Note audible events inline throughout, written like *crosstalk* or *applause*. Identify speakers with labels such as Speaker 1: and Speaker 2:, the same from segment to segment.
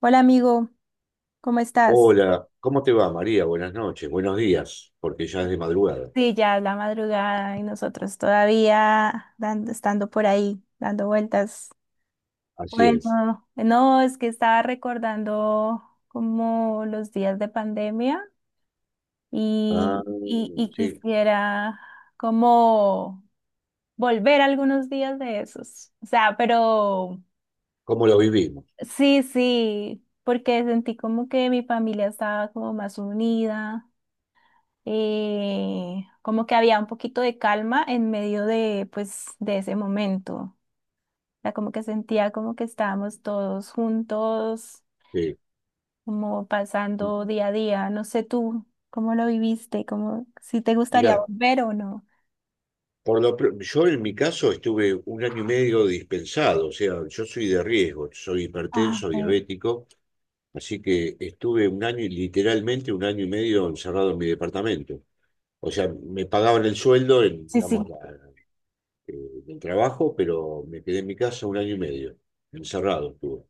Speaker 1: Hola amigo, ¿cómo estás?
Speaker 2: Hola, ¿cómo te va, María? Buenas noches, buenos días, porque ya es de madrugada.
Speaker 1: Sí, ya es la madrugada y nosotros estando por ahí, dando vueltas.
Speaker 2: Así es.
Speaker 1: Bueno, no, es que estaba recordando como los días de pandemia
Speaker 2: Ah,
Speaker 1: y
Speaker 2: sí,
Speaker 1: quisiera como volver algunos días de esos. O sea, pero
Speaker 2: ¿cómo lo vivimos?
Speaker 1: sí, sí, porque sentí como que mi familia estaba como más unida, como que había un poquito de calma en medio de, pues, de ese momento. O sea, como que sentía como que estábamos todos juntos,
Speaker 2: Sí.
Speaker 1: como pasando día a día. No sé tú cómo lo viviste, como si te gustaría
Speaker 2: Mirá,
Speaker 1: volver o no.
Speaker 2: yo en mi caso estuve un año y medio dispensado, o sea, yo soy de riesgo, soy
Speaker 1: Ah,
Speaker 2: hipertenso,
Speaker 1: ok.
Speaker 2: diabético, así que estuve un año, y literalmente un año y medio encerrado en mi departamento. O sea, me pagaban el sueldo,
Speaker 1: Sí,
Speaker 2: digamos,
Speaker 1: sí,
Speaker 2: eh, del trabajo, pero me quedé en mi casa un año y medio. Encerrado estuve.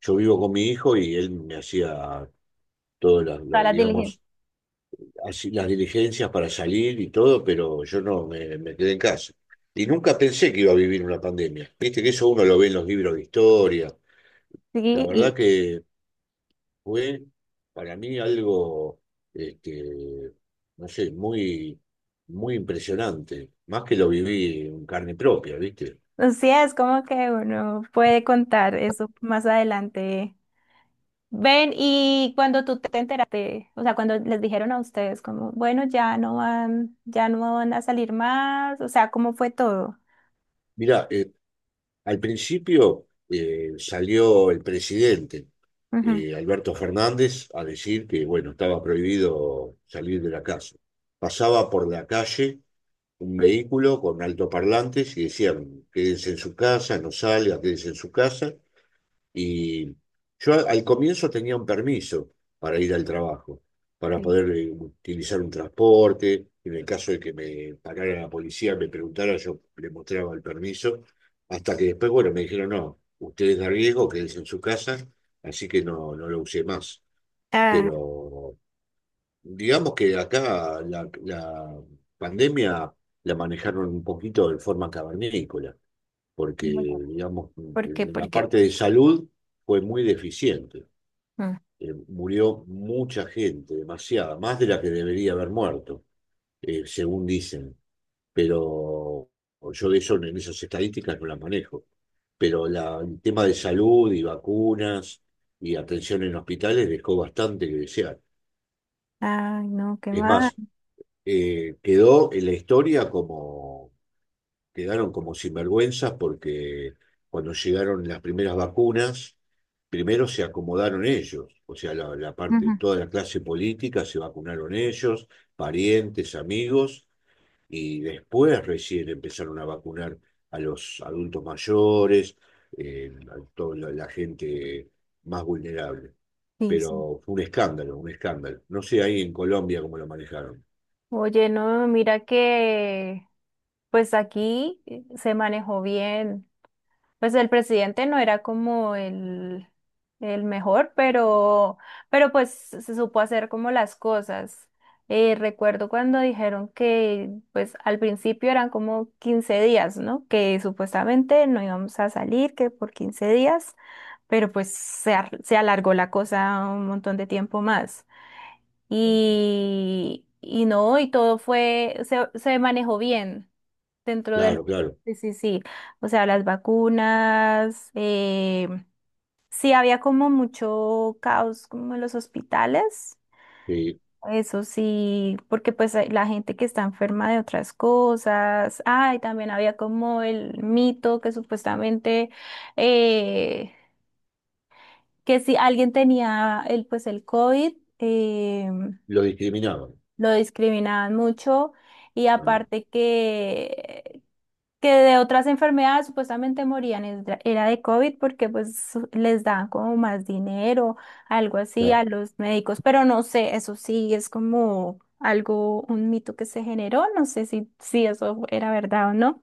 Speaker 2: Yo vivo con mi hijo y él me hacía todas las,
Speaker 1: todas las
Speaker 2: digamos,
Speaker 1: diligencias.
Speaker 2: así, las diligencias para salir y todo, pero yo no me quedé en casa. Y nunca pensé que iba a vivir una pandemia. Viste que eso uno lo ve en los libros de historia.
Speaker 1: Sí,
Speaker 2: La verdad
Speaker 1: y
Speaker 2: que fue para mí algo, este, no sé, muy, muy impresionante, más que lo viví en carne propia, ¿viste?
Speaker 1: o sea, es como que uno puede contar eso más adelante. Ven, y cuando tú te enteraste, o sea, cuando les dijeron a ustedes como, bueno, ya no van a salir más, o sea, ¿cómo fue todo?
Speaker 2: Mirá, al principio salió el presidente,
Speaker 1: Ujú,
Speaker 2: Alberto Fernández, a decir que, bueno, estaba prohibido salir de la casa. Pasaba por la calle un vehículo con altoparlantes y decían, quédense en su casa, no salga, quédense en su casa. Y yo al comienzo tenía un permiso para ir al trabajo, para
Speaker 1: sí.
Speaker 2: poder utilizar un transporte. En el caso de que me parara la policía, me preguntara, yo le mostraba el permiso. Hasta que después, bueno, me dijeron, no, usted es de riesgo, quédese en su casa, así que no, no lo usé más.
Speaker 1: Ah,
Speaker 2: Pero digamos que acá la pandemia la manejaron un poquito de forma cavernícola porque,
Speaker 1: muy raro.
Speaker 2: digamos,
Speaker 1: ¿Por qué?
Speaker 2: en la
Speaker 1: ¿Por qué?
Speaker 2: parte de salud fue muy deficiente.
Speaker 1: Mm.
Speaker 2: Murió mucha gente, demasiada, más de la que debería haber muerto, según dicen. Pero yo de eso, en esas estadísticas no las manejo. Pero el tema de salud y vacunas y atención en hospitales dejó bastante que desear.
Speaker 1: Ay, no, qué
Speaker 2: Es
Speaker 1: mal.
Speaker 2: más, quedó en la historia como quedaron como sinvergüenzas porque cuando llegaron las primeras vacunas, primero se acomodaron ellos, o sea, la parte,
Speaker 1: Ujú,
Speaker 2: toda la clase política se vacunaron ellos, parientes, amigos, y después recién empezaron a vacunar a los adultos mayores, a toda la gente más vulnerable.
Speaker 1: sí, sí.
Speaker 2: Pero fue un escándalo, un escándalo. No sé ahí en Colombia cómo lo manejaron.
Speaker 1: Oye, no, mira que pues aquí se manejó bien. Pues el presidente no era como el mejor, pero pues se supo hacer como las cosas. Recuerdo cuando dijeron que pues al principio eran como 15 días, ¿no? Que supuestamente no íbamos a salir, que por 15 días, pero pues se alargó la cosa un montón de tiempo más. Y no, y todo fue, se manejó bien. Dentro del...
Speaker 2: Claro, claro,
Speaker 1: Sí, sí, sí. O sea, las vacunas. Sí, había como mucho caos como en los hospitales.
Speaker 2: sí,
Speaker 1: Eso sí, porque pues hay la gente que está enferma de otras cosas. Ay, también había como el mito que supuestamente eh, que si alguien tenía el pues el COVID,
Speaker 2: lo discriminaban.
Speaker 1: lo discriminaban mucho. Y
Speaker 2: Ah,
Speaker 1: aparte que de otras enfermedades supuestamente era de COVID porque pues les dan como más dinero, algo así a los médicos, pero no sé, eso sí es como algo, un mito que se generó, no sé si, si eso era verdad o no.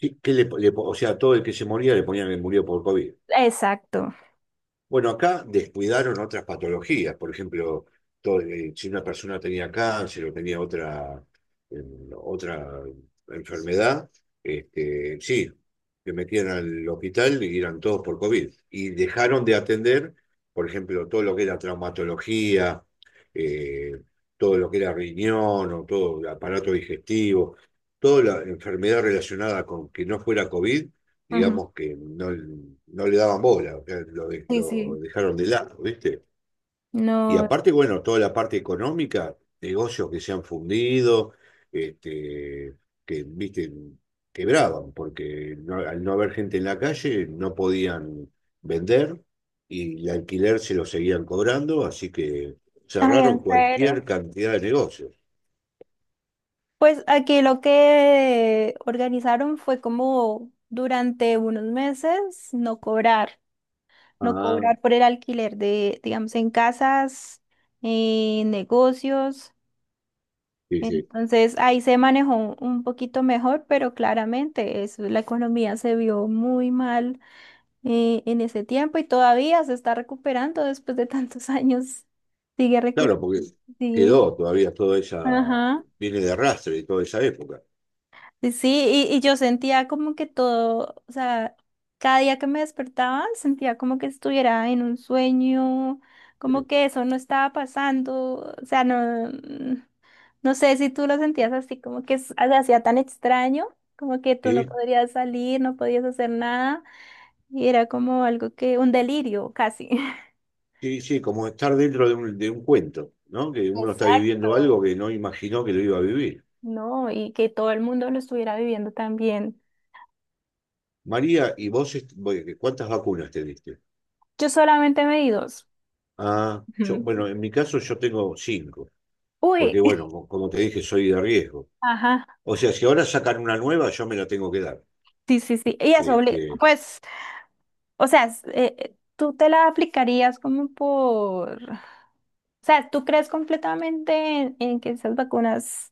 Speaker 2: sí, que o sea, todo el que se moría le ponían que murió por COVID.
Speaker 1: Exacto.
Speaker 2: Bueno, acá descuidaron otras patologías, por ejemplo, si una persona tenía cáncer o tenía eh, otra enfermedad, este, sí, que metían al hospital y eran todos por COVID. Y dejaron de atender, por ejemplo, todo lo que era traumatología, eh, todo lo que era riñón o todo el aparato digestivo, toda la enfermedad relacionada con que no fuera COVID
Speaker 1: Ujú.
Speaker 2: digamos que no, no le daban bola, o sea,
Speaker 1: Sí,
Speaker 2: lo
Speaker 1: sí.
Speaker 2: dejaron de lado, ¿viste? Y
Speaker 1: No.
Speaker 2: aparte, bueno, toda la parte económica, negocios que se han fundido, este, que, ¿viste? Quebraban, porque al no haber gente en la calle no podían vender y el alquiler se lo seguían cobrando, así que
Speaker 1: Ay,
Speaker 2: cerraron
Speaker 1: ¿en
Speaker 2: cualquier
Speaker 1: serio?
Speaker 2: cantidad de negocios.
Speaker 1: Pues aquí lo que organizaron fue como durante unos meses no cobrar. No
Speaker 2: Ah,
Speaker 1: cobrar por el alquiler de, digamos, en casas, en negocios.
Speaker 2: sí, sí.
Speaker 1: Entonces ahí se manejó un poquito mejor, pero claramente es la economía se vio muy mal, en ese tiempo y todavía se está recuperando después de tantos *laughs* años. Sigue recuperando.
Speaker 2: Claro, porque
Speaker 1: Sí,
Speaker 2: quedó todavía toda esa,
Speaker 1: ajá.
Speaker 2: viene de arrastre de toda esa época.
Speaker 1: Sí, sí, y yo sentía como que todo, o sea, cada día que me despertaba sentía como que estuviera en un sueño,
Speaker 2: eh,
Speaker 1: como que eso no estaba pasando, o sea, no, no sé si tú lo sentías así, como que se hacía tan extraño, como que tú no
Speaker 2: Sí,
Speaker 1: podrías salir, no podías hacer nada, y era como algo que, un delirio casi. *laughs*
Speaker 2: sí, sí, como estar dentro de un cuento, ¿no? Que uno está viviendo algo
Speaker 1: Exacto.
Speaker 2: que no imaginó que lo iba a vivir.
Speaker 1: No, y que todo el mundo lo estuviera viviendo también.
Speaker 2: María, ¿y vos cuántas vacunas te diste?
Speaker 1: Yo solamente me di dos.
Speaker 2: Ah, yo, bueno,
Speaker 1: *laughs*
Speaker 2: en mi caso yo tengo cinco,
Speaker 1: Uy,
Speaker 2: porque
Speaker 1: *laughs*
Speaker 2: bueno, como te dije, soy de riesgo.
Speaker 1: ajá.
Speaker 2: O sea, si ahora sacan una nueva, yo me la tengo que dar.
Speaker 1: Sí, sí, sí. Y eso,
Speaker 2: Este,
Speaker 1: pues, o sea, tú te la aplicarías como por, o sea, tú crees completamente en que esas vacunas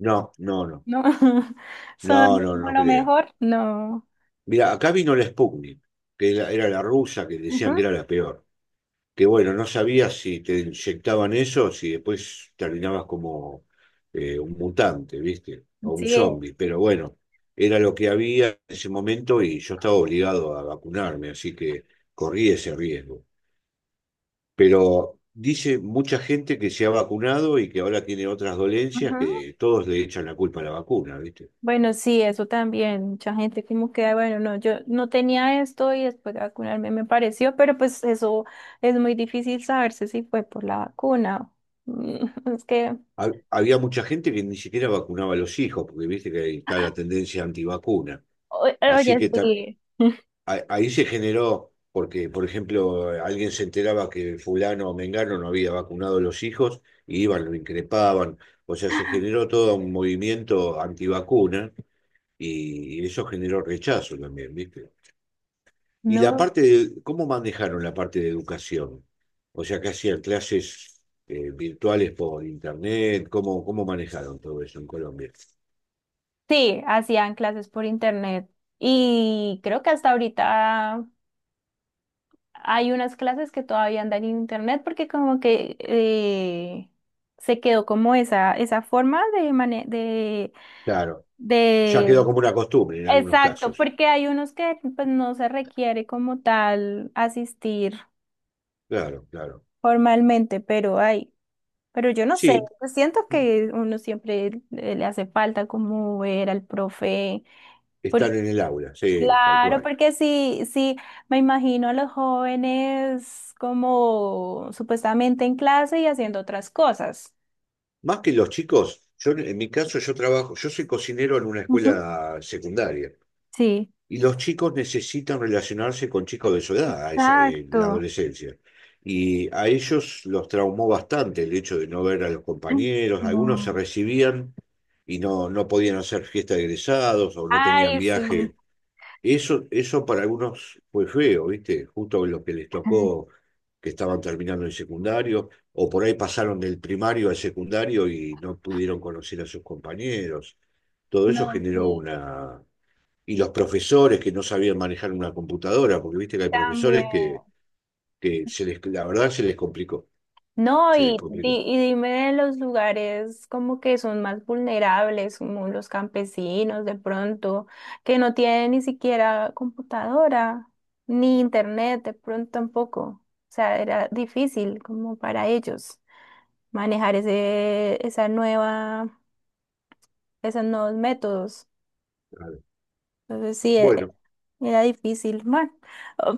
Speaker 2: no, no, no,
Speaker 1: no *laughs*
Speaker 2: no,
Speaker 1: son
Speaker 2: no,
Speaker 1: como
Speaker 2: no
Speaker 1: lo
Speaker 2: creo.
Speaker 1: mejor. No.
Speaker 2: Mira, acá vino la Sputnik, que era la rusa, que
Speaker 1: Ujú.
Speaker 2: decían que era la peor. Que bueno, no sabías si te inyectaban eso, si después terminabas como un mutante, ¿viste? O un
Speaker 1: Sí.
Speaker 2: zombie, pero bueno, era lo que había en ese momento y yo estaba obligado a vacunarme, así que corrí ese riesgo. Pero dice mucha gente que se ha vacunado y que ahora tiene otras dolencias
Speaker 1: Ujú.
Speaker 2: que todos le echan la culpa a la vacuna, ¿viste?
Speaker 1: Bueno, sí, eso también. Mucha gente como que, bueno, no, yo no tenía esto y después de vacunarme me pareció, pero pues eso es muy difícil saberse si fue por la vacuna. *laughs* Mm, es que,
Speaker 2: Había mucha gente que ni siquiera vacunaba a los hijos, porque viste que ahí está la tendencia antivacuna.
Speaker 1: o-
Speaker 2: Así
Speaker 1: oye,
Speaker 2: que
Speaker 1: sí. *laughs*
Speaker 2: ahí se generó, porque, por ejemplo, alguien se enteraba que fulano o mengano no había vacunado a los hijos, y iban, lo increpaban. O sea, se generó todo un movimiento antivacuna y eso generó rechazo también, ¿viste? Y la
Speaker 1: No.
Speaker 2: parte de, ¿cómo manejaron la parte de educación? O sea, que hacían clases virtuales por internet, ¿cómo manejaron todo eso en Colombia?
Speaker 1: Sí, hacían clases por internet y creo que hasta ahorita hay unas clases que todavía andan en internet porque como que se quedó como esa forma de,
Speaker 2: Claro, ya quedó
Speaker 1: de...
Speaker 2: como una costumbre en algunos
Speaker 1: Exacto,
Speaker 2: casos.
Speaker 1: porque hay unos que pues no se requiere como tal asistir
Speaker 2: Claro, claro.
Speaker 1: formalmente, pero hay, pero yo no sé,
Speaker 2: Sí,
Speaker 1: yo siento que uno siempre le hace falta como ver al profe.
Speaker 2: están en el aula, sí, tal
Speaker 1: Claro,
Speaker 2: cual.
Speaker 1: porque sí, sí, me imagino a los jóvenes como supuestamente en clase y haciendo otras cosas.
Speaker 2: Más que los chicos, yo en mi caso yo trabajo, yo soy cocinero en una
Speaker 1: Ujú.
Speaker 2: escuela secundaria
Speaker 1: Sí.
Speaker 2: y los chicos necesitan relacionarse con chicos de su edad, en la
Speaker 1: Exacto.
Speaker 2: adolescencia. Y a ellos los traumó bastante el hecho de no ver a los
Speaker 1: Ay,
Speaker 2: compañeros, algunos se
Speaker 1: no.
Speaker 2: recibían y no, no podían hacer fiesta de egresados o no tenían
Speaker 1: Ay, sí. Ujú.
Speaker 2: viaje. Eso para algunos fue feo, ¿viste? Justo lo que les tocó, que estaban terminando el secundario, o por ahí pasaron del primario al secundario y no pudieron conocer a sus compañeros. Todo eso
Speaker 1: No,
Speaker 2: generó
Speaker 1: sí,
Speaker 2: una. Y los profesores que no sabían manejar una computadora, porque viste que hay
Speaker 1: también.
Speaker 2: profesores que se les, la verdad se les complicó,
Speaker 1: No,
Speaker 2: se les complicó.
Speaker 1: y dime de los lugares como que son más vulnerables, como los campesinos de pronto, que no tienen ni siquiera computadora, ni internet de pronto tampoco. O sea, era difícil como para ellos manejar ese, esa nueva, esos nuevos métodos.
Speaker 2: Claro.
Speaker 1: Entonces sí,
Speaker 2: Bueno,
Speaker 1: era difícil, bueno,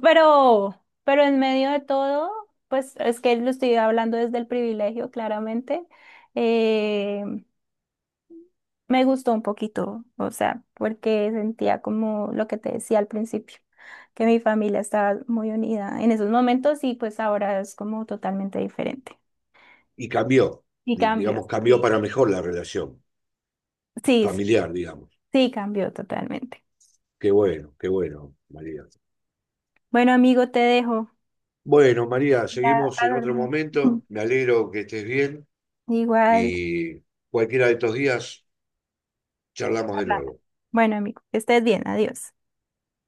Speaker 1: pero, pero en medio de todo, pues es que lo estoy hablando desde el privilegio, claramente, eh, me gustó un poquito, o sea, porque sentía como lo que te decía al principio, que mi familia estaba muy unida en esos momentos y pues ahora es como totalmente diferente.
Speaker 2: y cambió,
Speaker 1: Y
Speaker 2: digamos,
Speaker 1: cambios,
Speaker 2: cambió
Speaker 1: sí,
Speaker 2: para mejor la relación
Speaker 1: sí, sí,
Speaker 2: familiar, digamos.
Speaker 1: sí, cambió totalmente.
Speaker 2: Qué bueno, María.
Speaker 1: Bueno, amigo, te dejo.
Speaker 2: Bueno, María,
Speaker 1: Ya
Speaker 2: seguimos
Speaker 1: a
Speaker 2: en otro
Speaker 1: dormir.
Speaker 2: momento.
Speaker 1: *laughs*
Speaker 2: Me alegro que estés bien
Speaker 1: Igual.
Speaker 2: y cualquiera de estos días charlamos de
Speaker 1: Hablamos.
Speaker 2: nuevo.
Speaker 1: Bueno, amigo, que estés bien, adiós.